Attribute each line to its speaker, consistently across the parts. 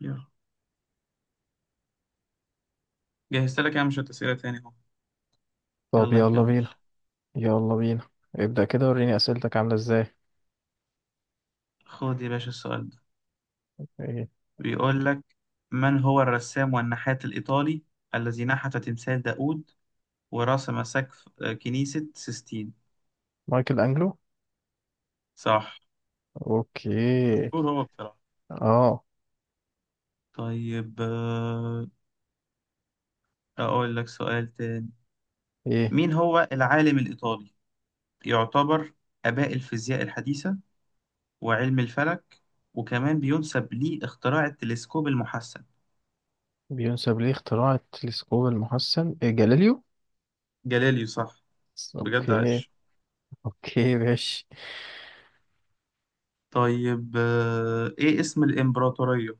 Speaker 1: يلا. جهزت لك يا مش أسئلة تاني اهو.
Speaker 2: طب
Speaker 1: يلا
Speaker 2: يلا
Speaker 1: نكمل.
Speaker 2: بينا، يلا بينا. ابدأ كده وريني أسئلتك عاملة ازاي.
Speaker 1: خد يا باشا السؤال ده.
Speaker 2: ايه؟
Speaker 1: بيقول لك: من هو الرسام والنحات الإيطالي الذي نحت تمثال داوود ورسم سقف كنيسة سيستين؟
Speaker 2: مايكل أنجلو.
Speaker 1: صح.
Speaker 2: اوكي.
Speaker 1: مشهور هو بصراحة.
Speaker 2: اه.
Speaker 1: طيب. أقول لك سؤال تاني:
Speaker 2: ايه؟
Speaker 1: مين هو العالم الإيطالي يعتبر آباء الفيزياء الحديثة وعلم الفلك، وكمان بينسب ليه اختراع التلسكوب المحسن؟
Speaker 2: بينسب ليه اختراع التلسكوب المحسن، إيه، جاليليو.
Speaker 1: جاليليو، صح. بجد
Speaker 2: اوكي.
Speaker 1: عاش.
Speaker 2: اوكي، ماشي.
Speaker 1: طيب إيه اسم الإمبراطورية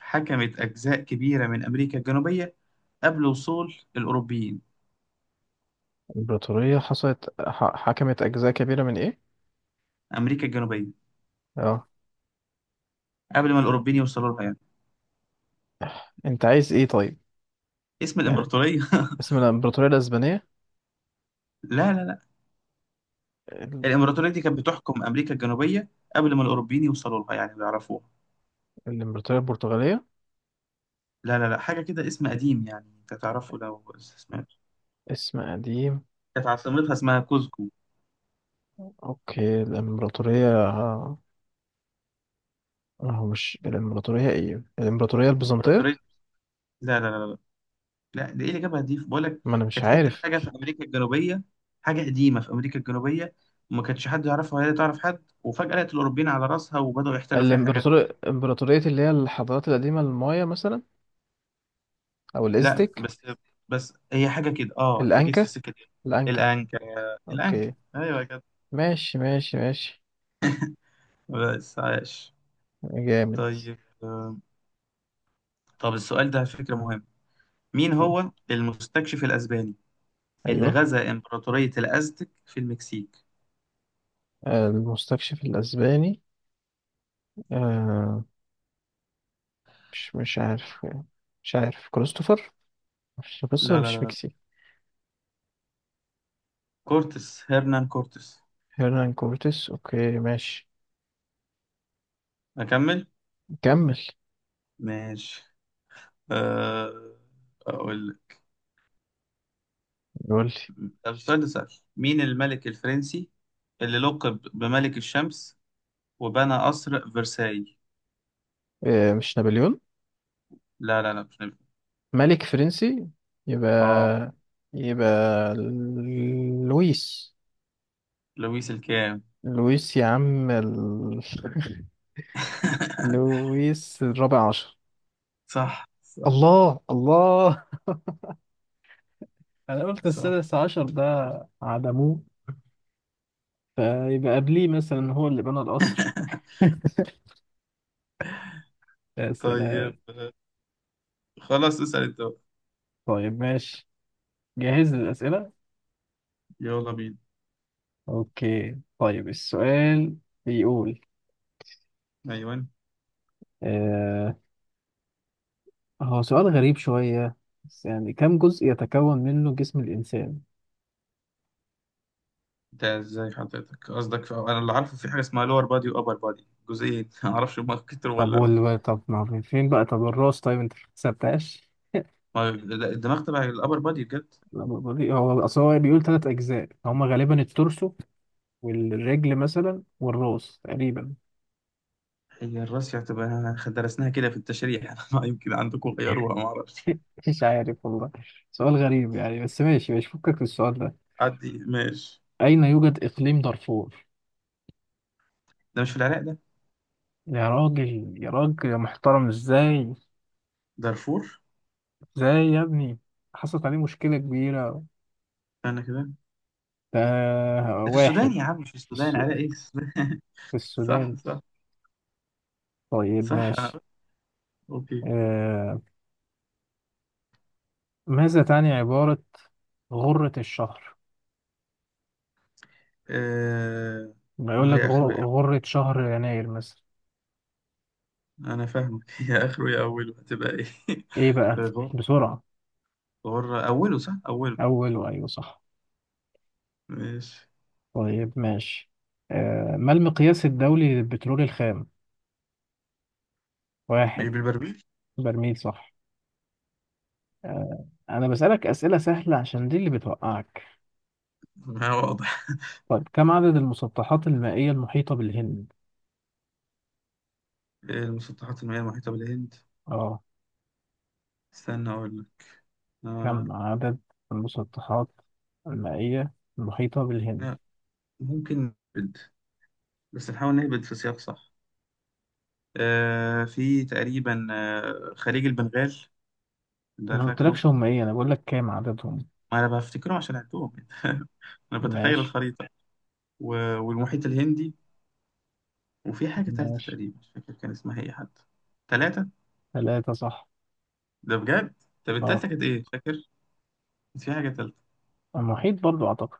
Speaker 1: حكمت أجزاء كبيرة من أمريكا الجنوبية قبل وصول الأوروبيين؟
Speaker 2: الإمبراطورية حصلت حكمت أجزاء كبيرة من ايه؟
Speaker 1: أمريكا الجنوبية.
Speaker 2: اه.
Speaker 1: قبل ما الأوروبيين يوصلوا لها يعني.
Speaker 2: انت عايز ايه طيب؟
Speaker 1: اسم
Speaker 2: يعني
Speaker 1: الإمبراطورية.
Speaker 2: اسم الإمبراطورية الأسبانية.
Speaker 1: لا لا لا.
Speaker 2: الإم-
Speaker 1: الإمبراطورية دي كانت بتحكم أمريكا الجنوبية قبل ما الأوروبيين يوصلوا لها يعني بيعرفوها.
Speaker 2: الإمبراطورية البرتغالية.
Speaker 1: لا لا لا، حاجة كده اسم قديم يعني أنت تعرفه لو سمعت.
Speaker 2: اسم قديم.
Speaker 1: كانت عاصمتها اسمها كوزكو.
Speaker 2: اوكي الإمبراطورية، اه. هو مش الإمبراطورية، ايه، الإمبراطورية البيزنطية؟
Speaker 1: إمبراطورية. لا لا لا لا. ده ايه اللي جابها دي بقول لك؟
Speaker 2: ما انا مش
Speaker 1: كانت حته
Speaker 2: عارف.
Speaker 1: حاجه في امريكا الجنوبيه، حاجه قديمه في امريكا الجنوبيه، وما كانش حد يعرفها ولا تعرف حد، وفجاه لقت الاوروبيين على راسها وبداوا يحتلوا فيها حاجات وكده.
Speaker 2: الامبراطورية، امبراطورية اللي هي الحضارات القديمة، المايا مثلا، او
Speaker 1: لا.
Speaker 2: الازتك.
Speaker 1: بس بس هي حاجه كده، اه انت جيت في
Speaker 2: الانكا.
Speaker 1: السكه دي.
Speaker 2: الانكا.
Speaker 1: الانكا.
Speaker 2: اوكي.
Speaker 1: الانكا، ايوه كده.
Speaker 2: ماشي، ماشي، ماشي.
Speaker 1: بس عايش.
Speaker 2: جامد.
Speaker 1: طيب. طب السؤال ده على فكره مهم: مين هو المستكشف الاسباني اللي
Speaker 2: ايوه.
Speaker 1: غزا امبراطوريه الازتك في المكسيك؟
Speaker 2: المستكشف الاسباني. آه مش عارف. مش عارف كريستوفر. مش كريستوفر،
Speaker 1: لا لا لا
Speaker 2: مش
Speaker 1: لا.
Speaker 2: ميكسي.
Speaker 1: كورتس، هرنان كورتس.
Speaker 2: هيرنان كورتيس، اوكي ماشي.
Speaker 1: اكمل.
Speaker 2: كمل.
Speaker 1: ماشي. آه، أقول لك.
Speaker 2: يقول لي.
Speaker 1: طب السؤال ده سهل: مين الملك الفرنسي اللي لقب بملك الشمس وبنى قصر فرساي؟
Speaker 2: مش نابليون.
Speaker 1: لا لا لا، مش نبي.
Speaker 2: ملك فرنسي.
Speaker 1: اه،
Speaker 2: يبقى يبقى لويس.
Speaker 1: لويس الكام؟
Speaker 2: لويس يا عم لويس الرابع عشر.
Speaker 1: صح صح
Speaker 2: الله، الله. انا قلت
Speaker 1: صح.
Speaker 2: السادس عشر، ده عدموه، فيبقى قبليه مثلا هو اللي بنى القصر. يا سلام.
Speaker 1: طيب خلاص اسأل انت بقى.
Speaker 2: طيب ماشي. جاهز للأسئلة؟
Speaker 1: يلا بينا.
Speaker 2: اوكي طيب السؤال بيقول،
Speaker 1: ايوه.
Speaker 2: آه هو سؤال غريب شوية بس يعني، كم جزء يتكون منه جسم الإنسان؟
Speaker 1: انت ازاي حضرتك قصدك في. انا اللي عارفه في حاجه اسمها لور بادي وابر بادي، جزئين. ما اعرفش هما كتر ولا.
Speaker 2: طب ما فين بقى، طب الراس، طيب انت ما حسبتهاش؟
Speaker 1: ما... لا، الدماغ تبع الابر بادي بجد.
Speaker 2: لا، بطيء، هو اصل هو بيقول 3 اجزاء، هما غالبا التورسو والرجل مثلا والراس تقريبا.
Speaker 1: هي الراسية هتبقى درسناها كده في التشريح. أنا ما يمكن عندكم غيروها ما اعرفش.
Speaker 2: مش عارف والله. سؤال غريب يعني، بس ماشي، مش فكك في السؤال ده.
Speaker 1: عدي ماشي.
Speaker 2: اين يوجد اقليم دارفور؟
Speaker 1: ده مش في العراق ده؟
Speaker 2: يا راجل، يا راجل، يا محترم، ازاي؟
Speaker 1: دارفور.
Speaker 2: ازاي يا ابني؟ حصلت عليه مشكلة كبيرة.
Speaker 1: انا كده.
Speaker 2: ده
Speaker 1: ده في السودان
Speaker 2: واحد.
Speaker 1: يا عم، مش في
Speaker 2: في,
Speaker 1: السودان،
Speaker 2: الس...
Speaker 1: عراق ايه؟ السودان.
Speaker 2: في
Speaker 1: صح
Speaker 2: السودان.
Speaker 1: صح
Speaker 2: طيب
Speaker 1: صح.
Speaker 2: ماشي.
Speaker 1: اوكي.
Speaker 2: آه... ماذا تعني عبارة غرة الشهر؟
Speaker 1: آه...
Speaker 2: ما يقول
Speaker 1: ما
Speaker 2: لك
Speaker 1: هي اخره يا.
Speaker 2: غرة شهر يناير مثلا.
Speaker 1: انا فاهمك. هي اخره يا اوله هتبقى ايه؟
Speaker 2: ايه بقى؟
Speaker 1: غر.
Speaker 2: بسرعة.
Speaker 1: غر اوله، صح، اوله.
Speaker 2: اول، وايوه صح.
Speaker 1: ماشي.
Speaker 2: طيب ماشي. ما المقياس الدولي للبترول الخام؟
Speaker 1: مش
Speaker 2: واحد.
Speaker 1: بالبربيل؟
Speaker 2: برميل صح. انا بسألك اسئلة سهلة عشان دي اللي بتوقعك.
Speaker 1: ما هو واضح.
Speaker 2: طيب كم عدد المسطحات المائية المحيطة بالهند؟
Speaker 1: المسطحات المائية المحيطة بالهند.
Speaker 2: اه،
Speaker 1: استنى اقول لك. آه...
Speaker 2: كم عدد المسطحات المائية المحيطة بالهند؟
Speaker 1: لا، ممكن بس نحاول نهبط في سياق صح. في تقريبا خليج البنغال، ده
Speaker 2: انا ما
Speaker 1: فاكره.
Speaker 2: قلتلكش هم ايه، انا بقول لك كام عددهم.
Speaker 1: ما انا بفتكره عشان عندهم. انا بتخيل
Speaker 2: ماشي،
Speaker 1: الخريطة. والمحيط الهندي. وفي حاجة تالتة
Speaker 2: ماشي.
Speaker 1: تقريبا، مش فاكر كان اسمها ايه حتى. تلاتة.
Speaker 2: 3 صح.
Speaker 1: ده بجد. طب
Speaker 2: اه.
Speaker 1: التالتة كانت ايه فاكر؟ كانت في حاجة تالتة
Speaker 2: المحيط برضو اعتقد.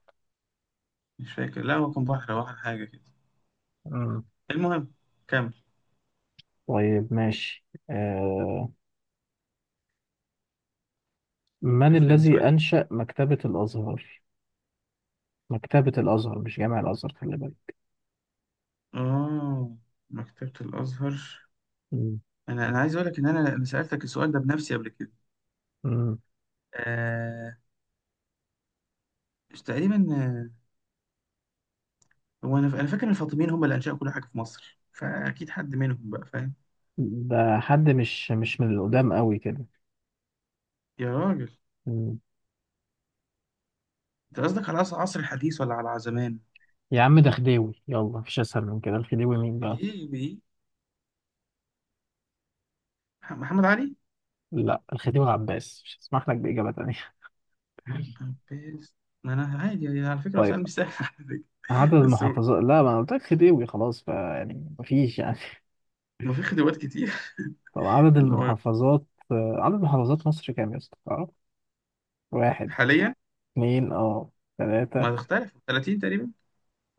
Speaker 1: مش فاكر، لا هو كان بحر او حاجة كده.
Speaker 2: مم.
Speaker 1: المهم. كمل.
Speaker 2: طيب ماشي. من
Speaker 1: شوف لنا سؤال
Speaker 2: الذي
Speaker 1: لذيذ.
Speaker 2: أنشأ مكتبة الأزهر؟ مكتبة الأزهر مش جامع الأزهر، خلي بالك.
Speaker 1: اه. مكتبة الازهر.
Speaker 2: مم.
Speaker 1: انا عايز اقول لك ان انا سألتك السؤال ده بنفسي قبل كده.
Speaker 2: مم.
Speaker 1: آه، مش تقريبا. هو انا فاكر ان الفاطميين هم اللي انشأوا كل حاجه في مصر، فاكيد حد منهم بقى فاهم.
Speaker 2: ده حد، مش من القدام قوي كده.
Speaker 1: يا راجل.
Speaker 2: مم.
Speaker 1: انت قصدك على عصر، عصر الحديث ولا على زمان؟
Speaker 2: يا عم ده خديوي، يلا، مفيش أسهل من كده، الخديوي مين بقى؟
Speaker 1: دي بي، محمد علي.
Speaker 2: لا، الخديوي العباس، مش هسمح لك بإجابة تانية.
Speaker 1: بس. ما انا عادي يعني على فكره، هو
Speaker 2: طيب
Speaker 1: سؤال مش سهل على فكره.
Speaker 2: عدد
Speaker 1: بس هو-
Speaker 2: المحافظات، لا، ما أنا قلت لك خديوي، خلاص، فيعني مفيش يعني.
Speaker 1: ما في خدوات كتير.
Speaker 2: طب عدد
Speaker 1: اللي هو
Speaker 2: المحافظات، عدد محافظات مصر كام يا اسطى؟ تعرف؟ واحد،
Speaker 1: حاليا.
Speaker 2: اتنين، اه، تلاتة.
Speaker 1: ما تختلف 30 تقريبا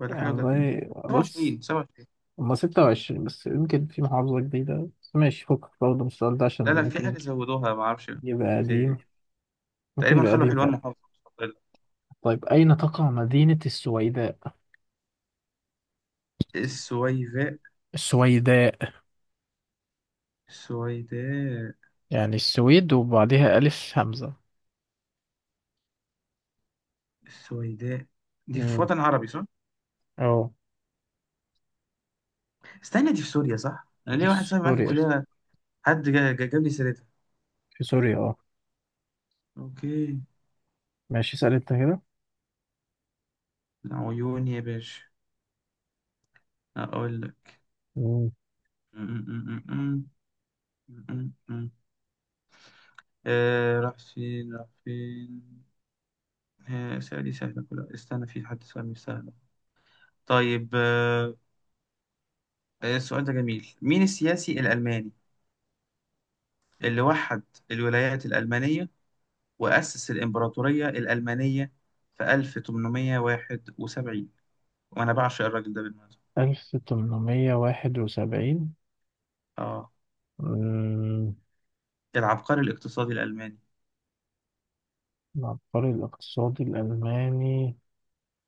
Speaker 1: ولا
Speaker 2: يعني
Speaker 1: حاجه، و30.
Speaker 2: والله
Speaker 1: 27،
Speaker 2: بص،
Speaker 1: 27.
Speaker 2: هما 26، بس يمكن في محافظة جديدة، بس ماشي فكك برضه من السؤال ده عشان
Speaker 1: لا لا، في
Speaker 2: ممكن
Speaker 1: حاجه زودوها ما اعرفش
Speaker 2: يبقى
Speaker 1: كانت
Speaker 2: قديم.
Speaker 1: إيه.
Speaker 2: ممكن
Speaker 1: تقريبا
Speaker 2: يبقى
Speaker 1: خلوا
Speaker 2: قديم
Speaker 1: حلوان
Speaker 2: فعلا.
Speaker 1: محافظه.
Speaker 2: طيب أين تقع مدينة السويداء؟
Speaker 1: السويداء.
Speaker 2: السويداء.
Speaker 1: السويداء.
Speaker 2: يعني السويد وبعدها ألف همزة.
Speaker 1: السويداء. دي في
Speaker 2: امم.
Speaker 1: وطن عربي صح؟
Speaker 2: اه،
Speaker 1: استنى دي في سوريا صح؟ انا
Speaker 2: دي
Speaker 1: ليا
Speaker 2: في
Speaker 1: واحد صاحبي معايا في
Speaker 2: سوريا.
Speaker 1: الكلية. حد جاب لي سيرتها.
Speaker 2: في سوريا، اه.
Speaker 1: اوكي.
Speaker 2: ماشي اسأل انت كده.
Speaker 1: عيوني يا باشا. اقول لك.
Speaker 2: امم.
Speaker 1: م- م- م- م- م- م- م. راح فين، راح فين. سهلة دي، سهلة كلها، استنى في حد سؤال مش سهل. طيب. السؤال ده جميل: مين السياسي الألماني اللي وحد الولايات الألمانية وأسس الإمبراطورية الألمانية في 1871، وأنا بعشق الراجل ده بالمناسبة؟
Speaker 2: 1871.
Speaker 1: آه.
Speaker 2: مم.
Speaker 1: العبقري الاقتصادي الألماني.
Speaker 2: العبقري الاقتصادي الألماني.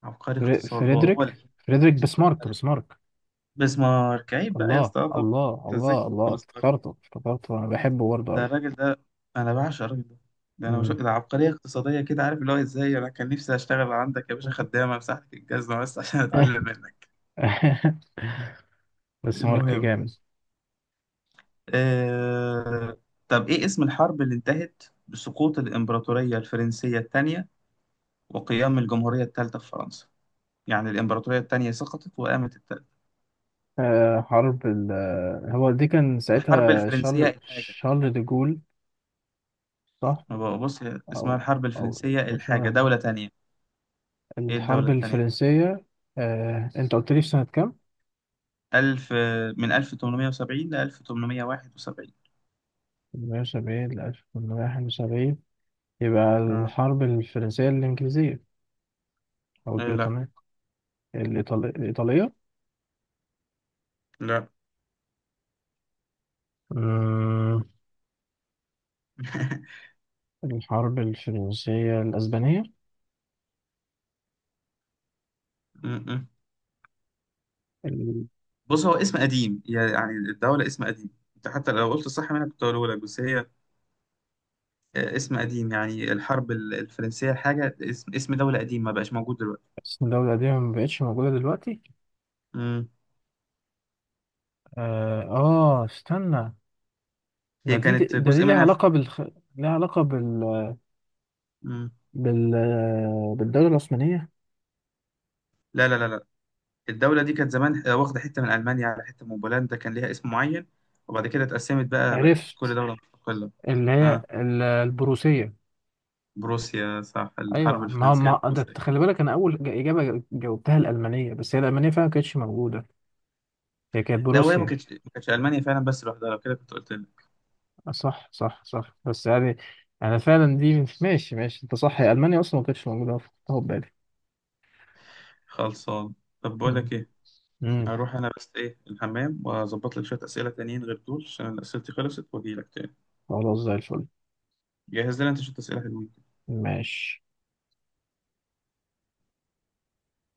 Speaker 1: عبقري اقتصاد. هو
Speaker 2: فريدريك. فريدريك بسمارك، بسمارك.
Speaker 1: بسمارك، عيب بقى يا
Speaker 2: الله،
Speaker 1: اسطى، آه، طبعا.
Speaker 2: الله،
Speaker 1: انت ازاي
Speaker 2: الله،
Speaker 1: تكتب
Speaker 2: الله،
Speaker 1: بسمارك؟
Speaker 2: افتكرته، افتكرته، انا بحبه برضه
Speaker 1: ده
Speaker 2: قوي.
Speaker 1: الراجل ده، انا بعشق الراجل ده. ده انا بشوف
Speaker 2: مم.
Speaker 1: ده عبقرية اقتصادية كده، عارف اللي هو ازاي، انا كان نفسي اشتغل عندك يا باشا خدامة مساحتك الجزمة بس عشان اتعلم منك.
Speaker 2: بس مارك
Speaker 1: المهم.
Speaker 2: جامد.
Speaker 1: آه... طب ايه اسم الحرب اللي انتهت بسقوط الامبراطورية الفرنسية الثانية وقيام الجمهورية الثالثة في فرنسا؟ يعني الامبراطورية الثانية سقطت وقامت الثالثة.
Speaker 2: آه، حرب ال آه، هو دي كان
Speaker 1: الحرب
Speaker 2: ساعتها شارل
Speaker 1: الفرنسية.
Speaker 2: شارل دي جول. صح.
Speaker 1: ما بقى- بص هي اسمها
Speaker 2: او
Speaker 1: الحرب
Speaker 2: او
Speaker 1: الفرنسية
Speaker 2: أو
Speaker 1: الحاجة،
Speaker 2: شارل.
Speaker 1: دولة تانية. إيه الدولة
Speaker 2: الحرب
Speaker 1: التانية دي؟
Speaker 2: الفرنسية. انت قلت لي في سنة كام؟
Speaker 1: ألف، من 1870 ل 1871.
Speaker 2: 1870 ل 1871. يبقى
Speaker 1: آه.
Speaker 2: الحرب الفرنسية الإنجليزية، أو
Speaker 1: إيه، لا.
Speaker 2: البريطانية، الإيطالية،
Speaker 1: لا.
Speaker 2: الإيطالية. الحرب الفرنسية الأسبانية.
Speaker 1: م- م.
Speaker 2: ال-
Speaker 1: بص هو اسم قديم، يعني الدولة اسم قديم. أنت حتى لو قلت صح منك كنت هقوله لك، بس هي اسم قديم، يعني الحرب الفرنسية الحاجة، اسم، اسم دولة قديم ما بقاش موجود دلوقتي.
Speaker 2: اسم الدولة دي ما بقتش موجودة دلوقتي.
Speaker 1: م.
Speaker 2: استنى. ده
Speaker 1: هي
Speaker 2: دي
Speaker 1: كانت
Speaker 2: ده دي
Speaker 1: جزء
Speaker 2: ليها
Speaker 1: منها في.
Speaker 2: علاقة بالخ... ليها علاقة بال...
Speaker 1: م.
Speaker 2: بال... بالدولة العثمانية.
Speaker 1: لا لا لا. الدولة دي كانت زمان واخدة حتة من ألمانيا على حتة من بولندا، كان ليها اسم معين، وبعد كده اتقسمت بقى، بقت كل
Speaker 2: عرفت.
Speaker 1: دولة مستقلة.
Speaker 2: اللي هي
Speaker 1: اه،
Speaker 2: البروسية.
Speaker 1: بروسيا، صح، الحرب
Speaker 2: أيوه، ما
Speaker 1: الفرنسية
Speaker 2: ما ده أنت
Speaker 1: البروسية.
Speaker 2: خلي بالك، أنا أول إجابة جاوبتها الألمانية، بس هي الألمانية فعلا ما كانتش موجودة، هي كانت
Speaker 1: لا، وهي ما
Speaker 2: بروسيا.
Speaker 1: كانتش ما كانتش ألمانيا فعلا بس لوحدها، لو كده كنت قلت لك.
Speaker 2: صح، صح، صح، بس يعني أنا فعلا دي ماشي، ماشي، أنت صح، هي ألمانيا أصلا ما كانتش موجودة، أنا فكرتها في بالي.
Speaker 1: خلصان. طب بقول
Speaker 2: مم.
Speaker 1: لك ايه،
Speaker 2: مم.
Speaker 1: هروح انا بس ايه الحمام واظبط لك شوية أسئلة تانيين غير دول عشان أسئلتي خلصت واجي لك تاني.
Speaker 2: خلاص زي الفل.
Speaker 1: جهز لنا انت شوية أسئلة حلوين.
Speaker 2: ماشي.